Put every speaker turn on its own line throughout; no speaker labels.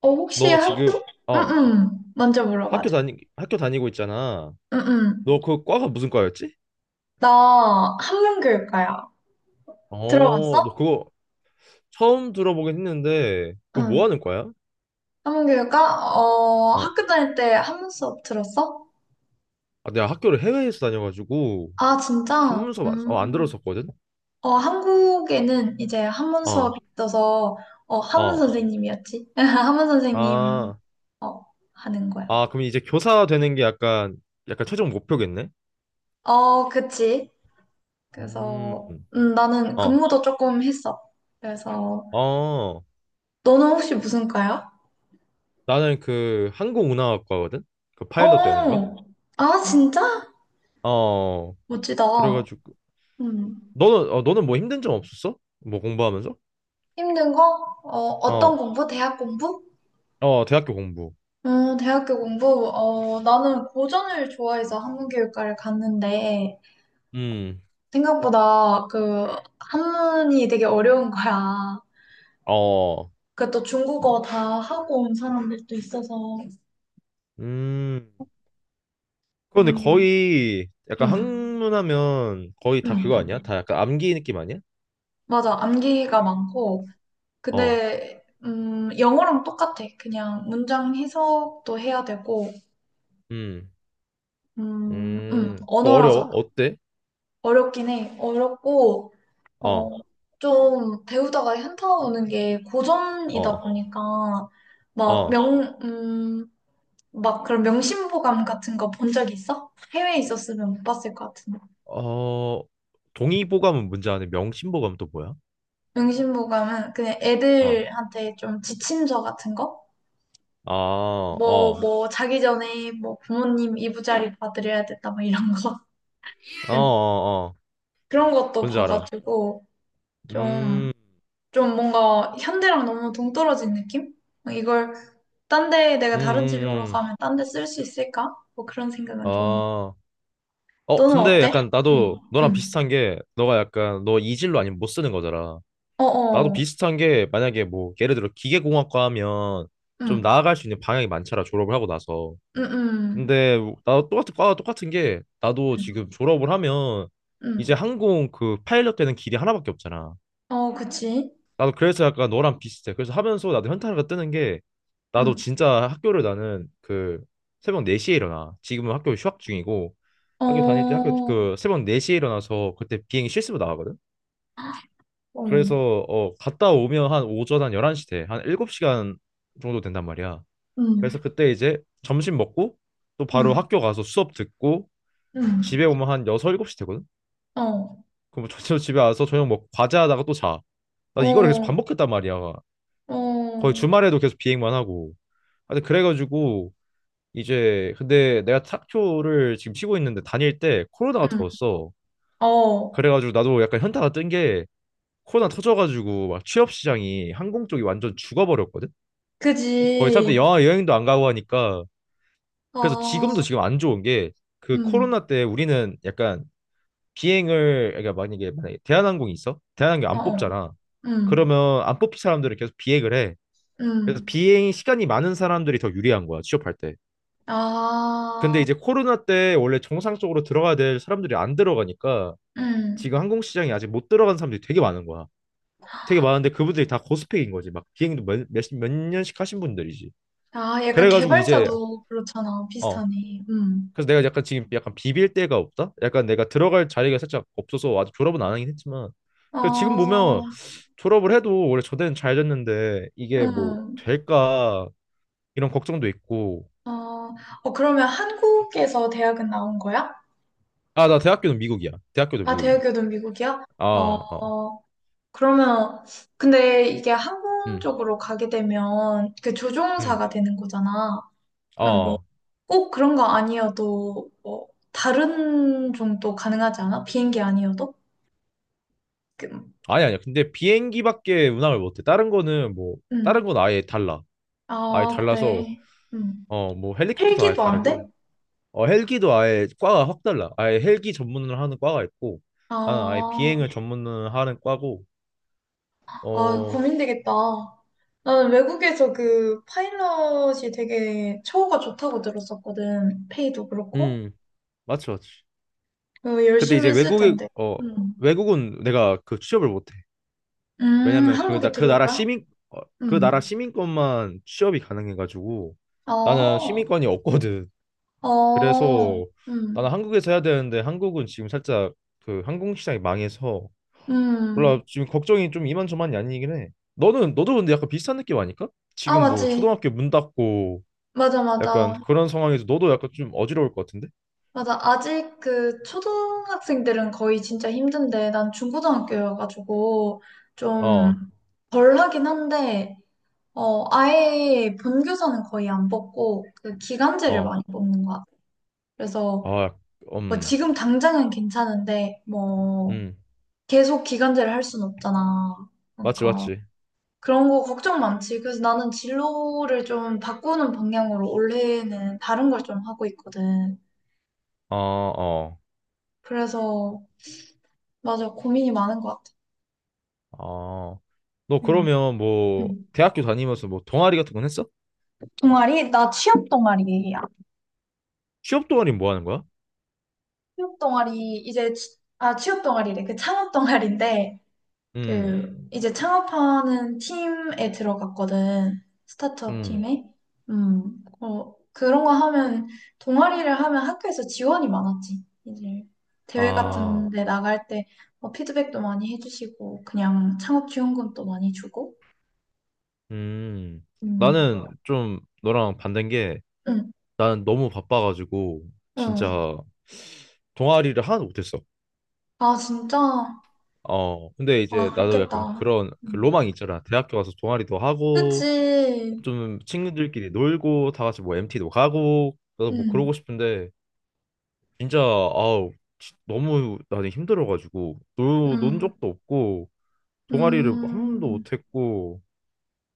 혹시
너 지금
학교,
어
응응, 먼저
학교
물어봐줘.
다니 학교 다니고 있잖아.
응응.
너 그 과가 무슨 과였지?
나 한문교육과야.
너
들어봤어?
그거 처음 들어보긴 했는데 그거 뭐
응.
하는 과야?
한문교육과?
어,
학교 다닐 때 한문 수업 들었어?
내가 학교를 해외에서 다녀가지고
아, 진짜?
한문서 안, 어, 안
음.
들었었거든.
한국에는 이제 한문
어,
수업이 있어서, 한문
어,
선생님이었지? 한문 선생님,
아,
어, 하는 거야.
아 그럼 이제 교사 되는 게 약간 최종 목표겠네.
어, 그치.
음,
그래서, 나는
어,
근무도 조금 했어. 그래서,
어,
너는 혹시 무슨 과야?
나는 그 항공운항학과거든. 그 파일럿 되는 거.
어, 아, 진짜?
어,
멋지다.
그래가지고
음.
너는 너는 뭐 힘든 점 없었어? 뭐 공부하면서?
힘든 거? 어, 어떤
어,
공부? 대학 공부?
대학교 공부.
대학교 공부, 나는 고전을 좋아해서 한문교육과를 갔는데,
음,
생각보다 그, 한문이 되게 어려운 거야.
어,
그 또 중국어 다 하고 온 사람들도 있어서,
음. 그런데
음,
거의 약간
음,
학문하면 거의 다 그거
음.
아니야? 다 약간 암기 느낌 아니야?
맞아. 암기가 많고,
어,
근데, 영어랑 똑같아. 그냥 문장 해석도 해야 되고,
음. 그거 어려워?
언어라서
어때?
어렵긴 해. 어렵고, 어,
어,
좀 배우다가 현타오는 게 고전이다
어,
보니까, 막
어.
명, 음, 막 그런 명심보감 같은 거 본 적 있어? 해외에 있었으면 못 봤을 것 같은데.
어, 동의보감은 뭔지 아네. 명심보감 또 뭐야?
명심보감은 그냥
어,
애들한테 좀 지침서 같은 거?
아,
뭐,
어,
뭐, 자기 전에 뭐 부모님 이부자리 봐드려야 된다, 뭐 이런 거.
어, 어, 어.
그런 것도
뭔지 알아.
봐가지고, 좀,
음,
좀 뭔가 현대랑 너무 동떨어진 느낌? 이걸 딴 데 내가
음,
다른 진로로
음, 음.
가면 딴 데 쓸 수 있을까? 뭐 그런 생각은 좀.
아.
너는
근데
어때?
약간
응,
나도 너랑
응.
비슷한 게 너가 약간 너 이질로 아니면 못 쓰는 거잖아. 나도
어어,
비슷한 게 만약에 뭐 예를 들어 기계공학과 하면 좀
응,
나아갈 수 있는 방향이 많잖아. 졸업을 하고 나서.
응, 응,
근데 나도 똑같은 과와 똑같은 게 나도
응,
지금 졸업을 하면
응.
이제 항공 그 파일럿 되는 길이 하나밖에 없잖아.
어, 그치.
나도 그래서 약간 너랑 비슷해. 그래서 하면서 나도 현타가 뜨는 게 나도
응,
진짜 학교를 나는 그 새벽 4시에 일어나. 지금은 학교 휴학 중이고
어,
학교 다닐 때 학교
어,
그 새벽 4시에 일어나서 그때 비행기 실습으로 나가거든.
응,
그래서 갔다 오면 한 오전 한 11시 돼. 한 7시간 정도 된단 말이야.
응,
그래서 그때 이제 점심 먹고 또 바로 학교 가서 수업 듣고
응.
집에 오면 한 6, 7시 되거든.
어,
그럼 뭐 저녁 집에 와서 저녁 먹고 과제하다가 또 자. 나 이거를 계속
어,
반복했단 말이야. 거의
어,
주말에도 계속 비행만 하고. 하여튼 그래가지고 이제 근데 내가 탁교를 지금 치고 있는데 다닐 때 코로나가
응,
더웠어.
어,
그래가지고 나도 약간 현타가 뜬 게 코로나 터져가지고 막 취업 시장이 항공 쪽이 완전 죽어버렸거든. 거의 사람들이
그지.
영화 여행도 안 가고 하니까 그래서 지금도
아,
지금 안 좋은 게 그
응,
코로나 때 우리는 약간 비행을 그러니까 만약에 대한항공이 있어? 대한항공
어,
안
어,
뽑잖아.
응,
그러면 안 뽑힌 사람들은 계속 비행을 해. 그래서
응.
비행 시간이 많은 사람들이 더 유리한 거야 취업할 때. 근데
아.
이제 코로나 때 원래 정상적으로 들어가야 될 사람들이 안 들어가니까 지금
음.
항공 시장에 아직 못 들어간 사람들이 되게 많은 거야. 되게 많은데 그분들이 다 고스펙인 거지. 막 비행도 몇 년씩 하신 분들이지.
아, 약간
그래가지고 이제
개발자도 그렇잖아.
어
비슷하네. 음.
그래서 내가 약간 지금 약간 비빌 데가 없다. 약간 내가 들어갈 자리가 살짝 없어서 아직 졸업은 안 하긴 했지만 그 지금 보면
어,
졸업을 해도 원래 저대는 잘 됐는데 이게 뭐
음.
될까 이런 걱정도 있고.
어, 어, 그러면 한국에서 대학은 나온 거야?
아 나 대학교는 미국이야. 대학교도
아,
미국이야.
대학교는 미국이야?
아 어.
어, 그러면, 근데 이게 항공
음.
쪽으로 가게 되면 그
음.
조종사가 되는 거잖아. 그럼 뭐,
어,
꼭 그런 거 아니어도, 뭐, 다른 종도 가능하지 않아? 비행기 아니어도? 그,
아니 아니야. 근데 비행기밖에 운항을 못해. 다른 거는 뭐 다른
음.
건 아예 달라. 아예
아,
달라서
그래. 음.
뭐 헬리콥터도 아예
헬기도 안 돼?
다르고 헬기도 아예 과가 확 달라. 아예 헬기 전문을 하는 과가 있고 나는 아예
아,
비행을 전문을 하는 과고
아,
어
고민되겠다. 나는 외국에서 그 파일럿이 되게 처우가 좋다고 들었었거든. 페이도 그렇고.
음 맞지.
어,
근데
열심히
이제
했을
외국에
텐데.
어
음.
외국은 내가 그 취업을 못해. 왜냐면 그
한국에
나 그
들어올
나라
거야?
시민 어, 그
음.
나라 시민권만 취업이 가능해가지고 나는
어,
시민권이 없거든.
어,
그래서 나는
음,
한국에서 해야 되는데 한국은 지금 살짝 그 항공 시장이 망해서
음.
몰라 지금 걱정이 좀 이만저만이 아니긴 해. 너는 너도 근데 약간 비슷한 느낌 아닐까?
아,
지금 뭐
맞지.
초등학교 문 닫고
맞아,
약간
맞아.
그런 상황에서 너도 약간 좀 어지러울 것 같은데?
맞아. 아직 그 초등학생들은 거의 진짜 힘든데, 난 중고등학교여가지고
어,
좀 덜 하긴 한데, 아예 본교사는 거의 안 뽑고, 그 기간제를
어,
많이 뽑는 것 같아요. 그래서,
아, 약-
뭐,
음,
지금 당장은 괜찮은데, 뭐,
음,
계속 기간제를 할 수는 없잖아.
맞지,
그러니까,
맞지.
그런 거 걱정 많지. 그래서 나는 진로를 좀 바꾸는 방향으로 올해는 다른 걸 좀 하고 있거든.
어, 어,
그래서, 맞아, 고민이 많은 것 같아.
어. 너
음,
그러면 뭐
음.
대학교 다니면서 뭐 동아리 같은 건 했어?
동아리? 나 취업 동아리야.
취업 동아리 뭐 하는 거야?
취업 동아리, 이제, 아, 취업 동아리래. 그 창업 동아리인데,
음,
그 이제 창업하는 팀에 들어갔거든. 스타트업
음,
팀에. 음. 그런 거 하면 동아리를 하면 학교에서 지원이 많았지. 이제 대회 같은
아.
데 나갈 때 뭐 피드백도 많이 해주시고 그냥 창업 지원금도 많이 주고.
음,
음.
나는 좀 너랑 반대인 게
응.
나는 너무 바빠가지고
응.
진짜 동아리를 하나도 못했어.
아, 진짜.
근데 이제
아,
나도 약간
그렇겠다.
그런 그
음.
로망이 있잖아. 대학교 가서 동아리도 하고
그치.
좀 친구들끼리 놀고 다 같이 뭐 MT도 가고 나도 뭐
음.
그러고 싶은데 진짜 아우 너무 나는 힘들어가지고 논
음.
적도 없고 동아리를 한 번도
음.
못했고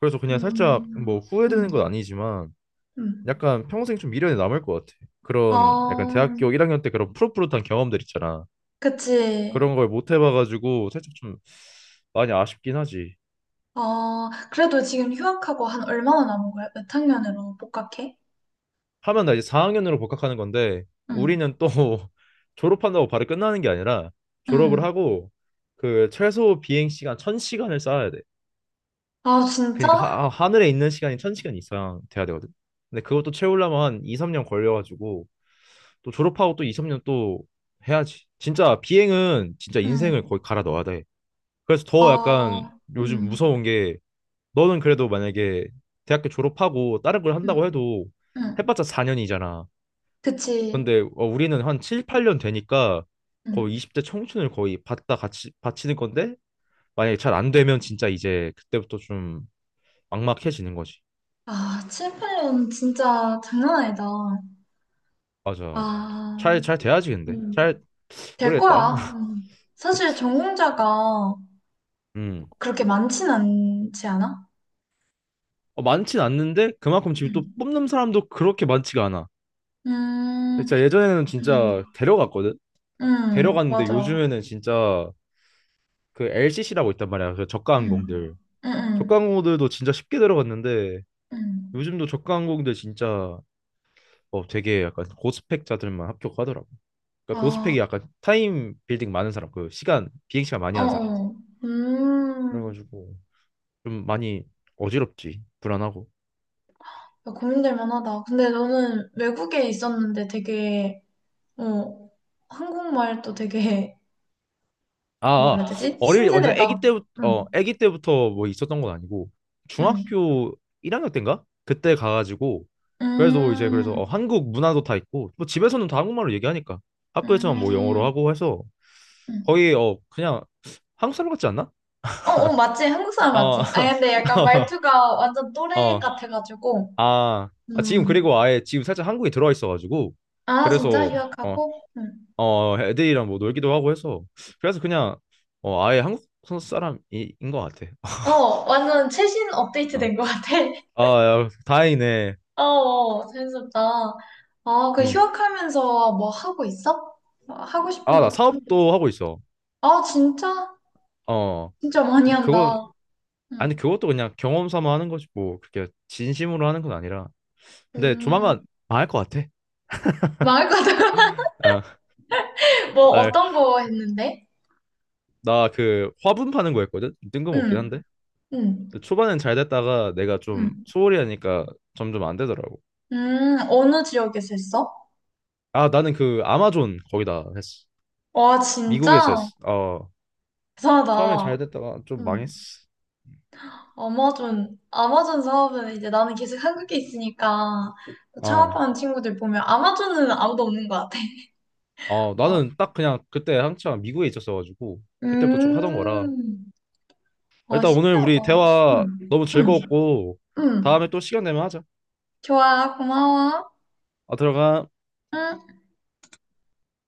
그래서 그냥 살짝 뭐
음. 음.
후회되는 건 아니지만
음.
약간 평생 좀 미련이 남을 것 같아. 그런 약간
아.
대학교 1학년 때 그런 푸릇푸릇한 경험들 있잖아.
그치.
그런 걸 못 해봐가지고 살짝 좀 많이 아쉽긴 하지.
그래도 지금 휴학하고 한 얼마나 남은 거야? 몇 학년으로 복학해?
하면 나 이제 4학년으로 복학하는 건데
응,
우리는 또 졸업한다고 바로 끝나는 게 아니라 졸업을
응.
하고 그 최소 비행 시간 1000시간을 쌓아야 돼.
아,
그러니까
진짜?
하늘에 있는 시간이 1000시간 이상 돼야 되거든. 근데 그것도 채우려면 한 2, 3년 걸려가지고 또 졸업하고 또 2, 3년 또 해야지. 진짜 비행은 진짜 인생을
응.
거의 갈아 넣어야 돼. 그래서 더 약간
아,
요즘
응,
무서운 게 너는 그래도 만약에 대학교 졸업하고 다른 걸
응,
한다고 해도
응.
해봤자 4년이잖아.
그치.
근데 우리는 한 7, 8년 되니까 거의
응.
20대 청춘을 거의 받다 같이 바치는 건데 만약에 잘 안 되면 진짜 이제 그때부터 좀 막막해지는 거지.
아, 7, 8년 진짜 장난 아니다.
맞아.
아,
잘 돼야지 근데. 잘
음, 될
모르겠다.
거야. 음. 사실
그치.
전공자가
음.
그렇게 많진 않지 않아?
많진 않는데 그만큼 지금 또
음,
뽑는 사람도 그렇게 많지가 않아.
음,
진짜 예전에는
음,
진짜 데려갔거든. 데려갔는데
맞아.
요즘에는 진짜 그 LCC라고 있단 말이야. 그 저가
음,
항공들.
음,
저가
음.
항공들도 진짜 쉽게 들어갔는데
음.
요즘도 저가 항공들 진짜 되게 약간 고스펙자들만 합격하더라고. 그러니까
아.
고스펙이 약간 타임 빌딩 많은 사람, 그 시간 비행 시간 많이 하는 사람.
어어. 음.
그래가지고 좀 많이 어지럽지. 불안하고.
고민될 만하다. 근데 너는 외국에 있었는데 되게, 어, 한국말도 되게,
아,
뭐라
아,
해야 되지?
어릴 완전 아기
신세대다.
때부터
응,
아기 때부터 뭐 있었던 건 아니고
응.
중학교 1학년 때인가? 그때 가가지고 그래도 이제 그래서
음,
한국 문화도 다 있고 뭐 집에서는 다 한국말로 얘기하니까 학교에서만 뭐 영어로
음,
하고 해서
음.
거의 그냥 한국 사람 같지 않나?
어, 어, 맞지? 한국 사람
어,
맞지? 아, 근데 약간 말투가 완전
어,
또래
어,
같아가지고.
아 지금
음.
그리고 아예 지금 살짝 한국에 들어와 있어가지고
아, 진짜?
그래서 어,
휴학하고? 응.
애들이랑 뭐 놀기도 하고 해서 그래서 그냥 아예 한국 사람인 것 같아.
어, 완전 최신 업데이트 된 것
아,
같아.
야, 다행이네.
어, 어, 재밌었다. 아, 그
음.
휴학하면서 뭐 하고 있어? 뭐 하고 싶은
아,
거
나
좀.
사업도 하고 있어.
아, 진짜?
어.
진짜 많이
근데
한다.
그건, 아니,
응.
그것도 그냥 경험 삼아 하는 거지, 뭐. 그렇게 진심으로 하는 건 아니라. 근데 조만간
음,
망할 것 같아.
말할 거다.
아,
뭐
아,
어떤 거 했는데?
나 그 화분 파는 거 했거든? 뜬금없긴
응,
한데.
응,
초반엔 잘 됐다가 내가 좀
응.
소홀히 하니까 점점 안 되더라고.
어느 지역에서 했어?
아, 나는 그 아마존 거기다 했어.
와,
미국에서
진짜?
했어. 어. 처음엔
대단하다.
잘 됐다가 좀
응.
망했어.
아마존, 아마존 사업은 이제 나는 계속 한국에 있으니까
아,
창업하는 친구들 보면 아마존은 아무도 없는 것 같아. 어.
나는 딱 그냥 그때 한창 미국에 있었어가지고 그때부터 쭉 하던 거라
음. 와,
일단 오늘 우리
신기하다.
대화
응,
너무
응,
즐거웠고
응.
다음에 또 시간 되면 하자.
좋아, 고마워.
아, 들어가.
응.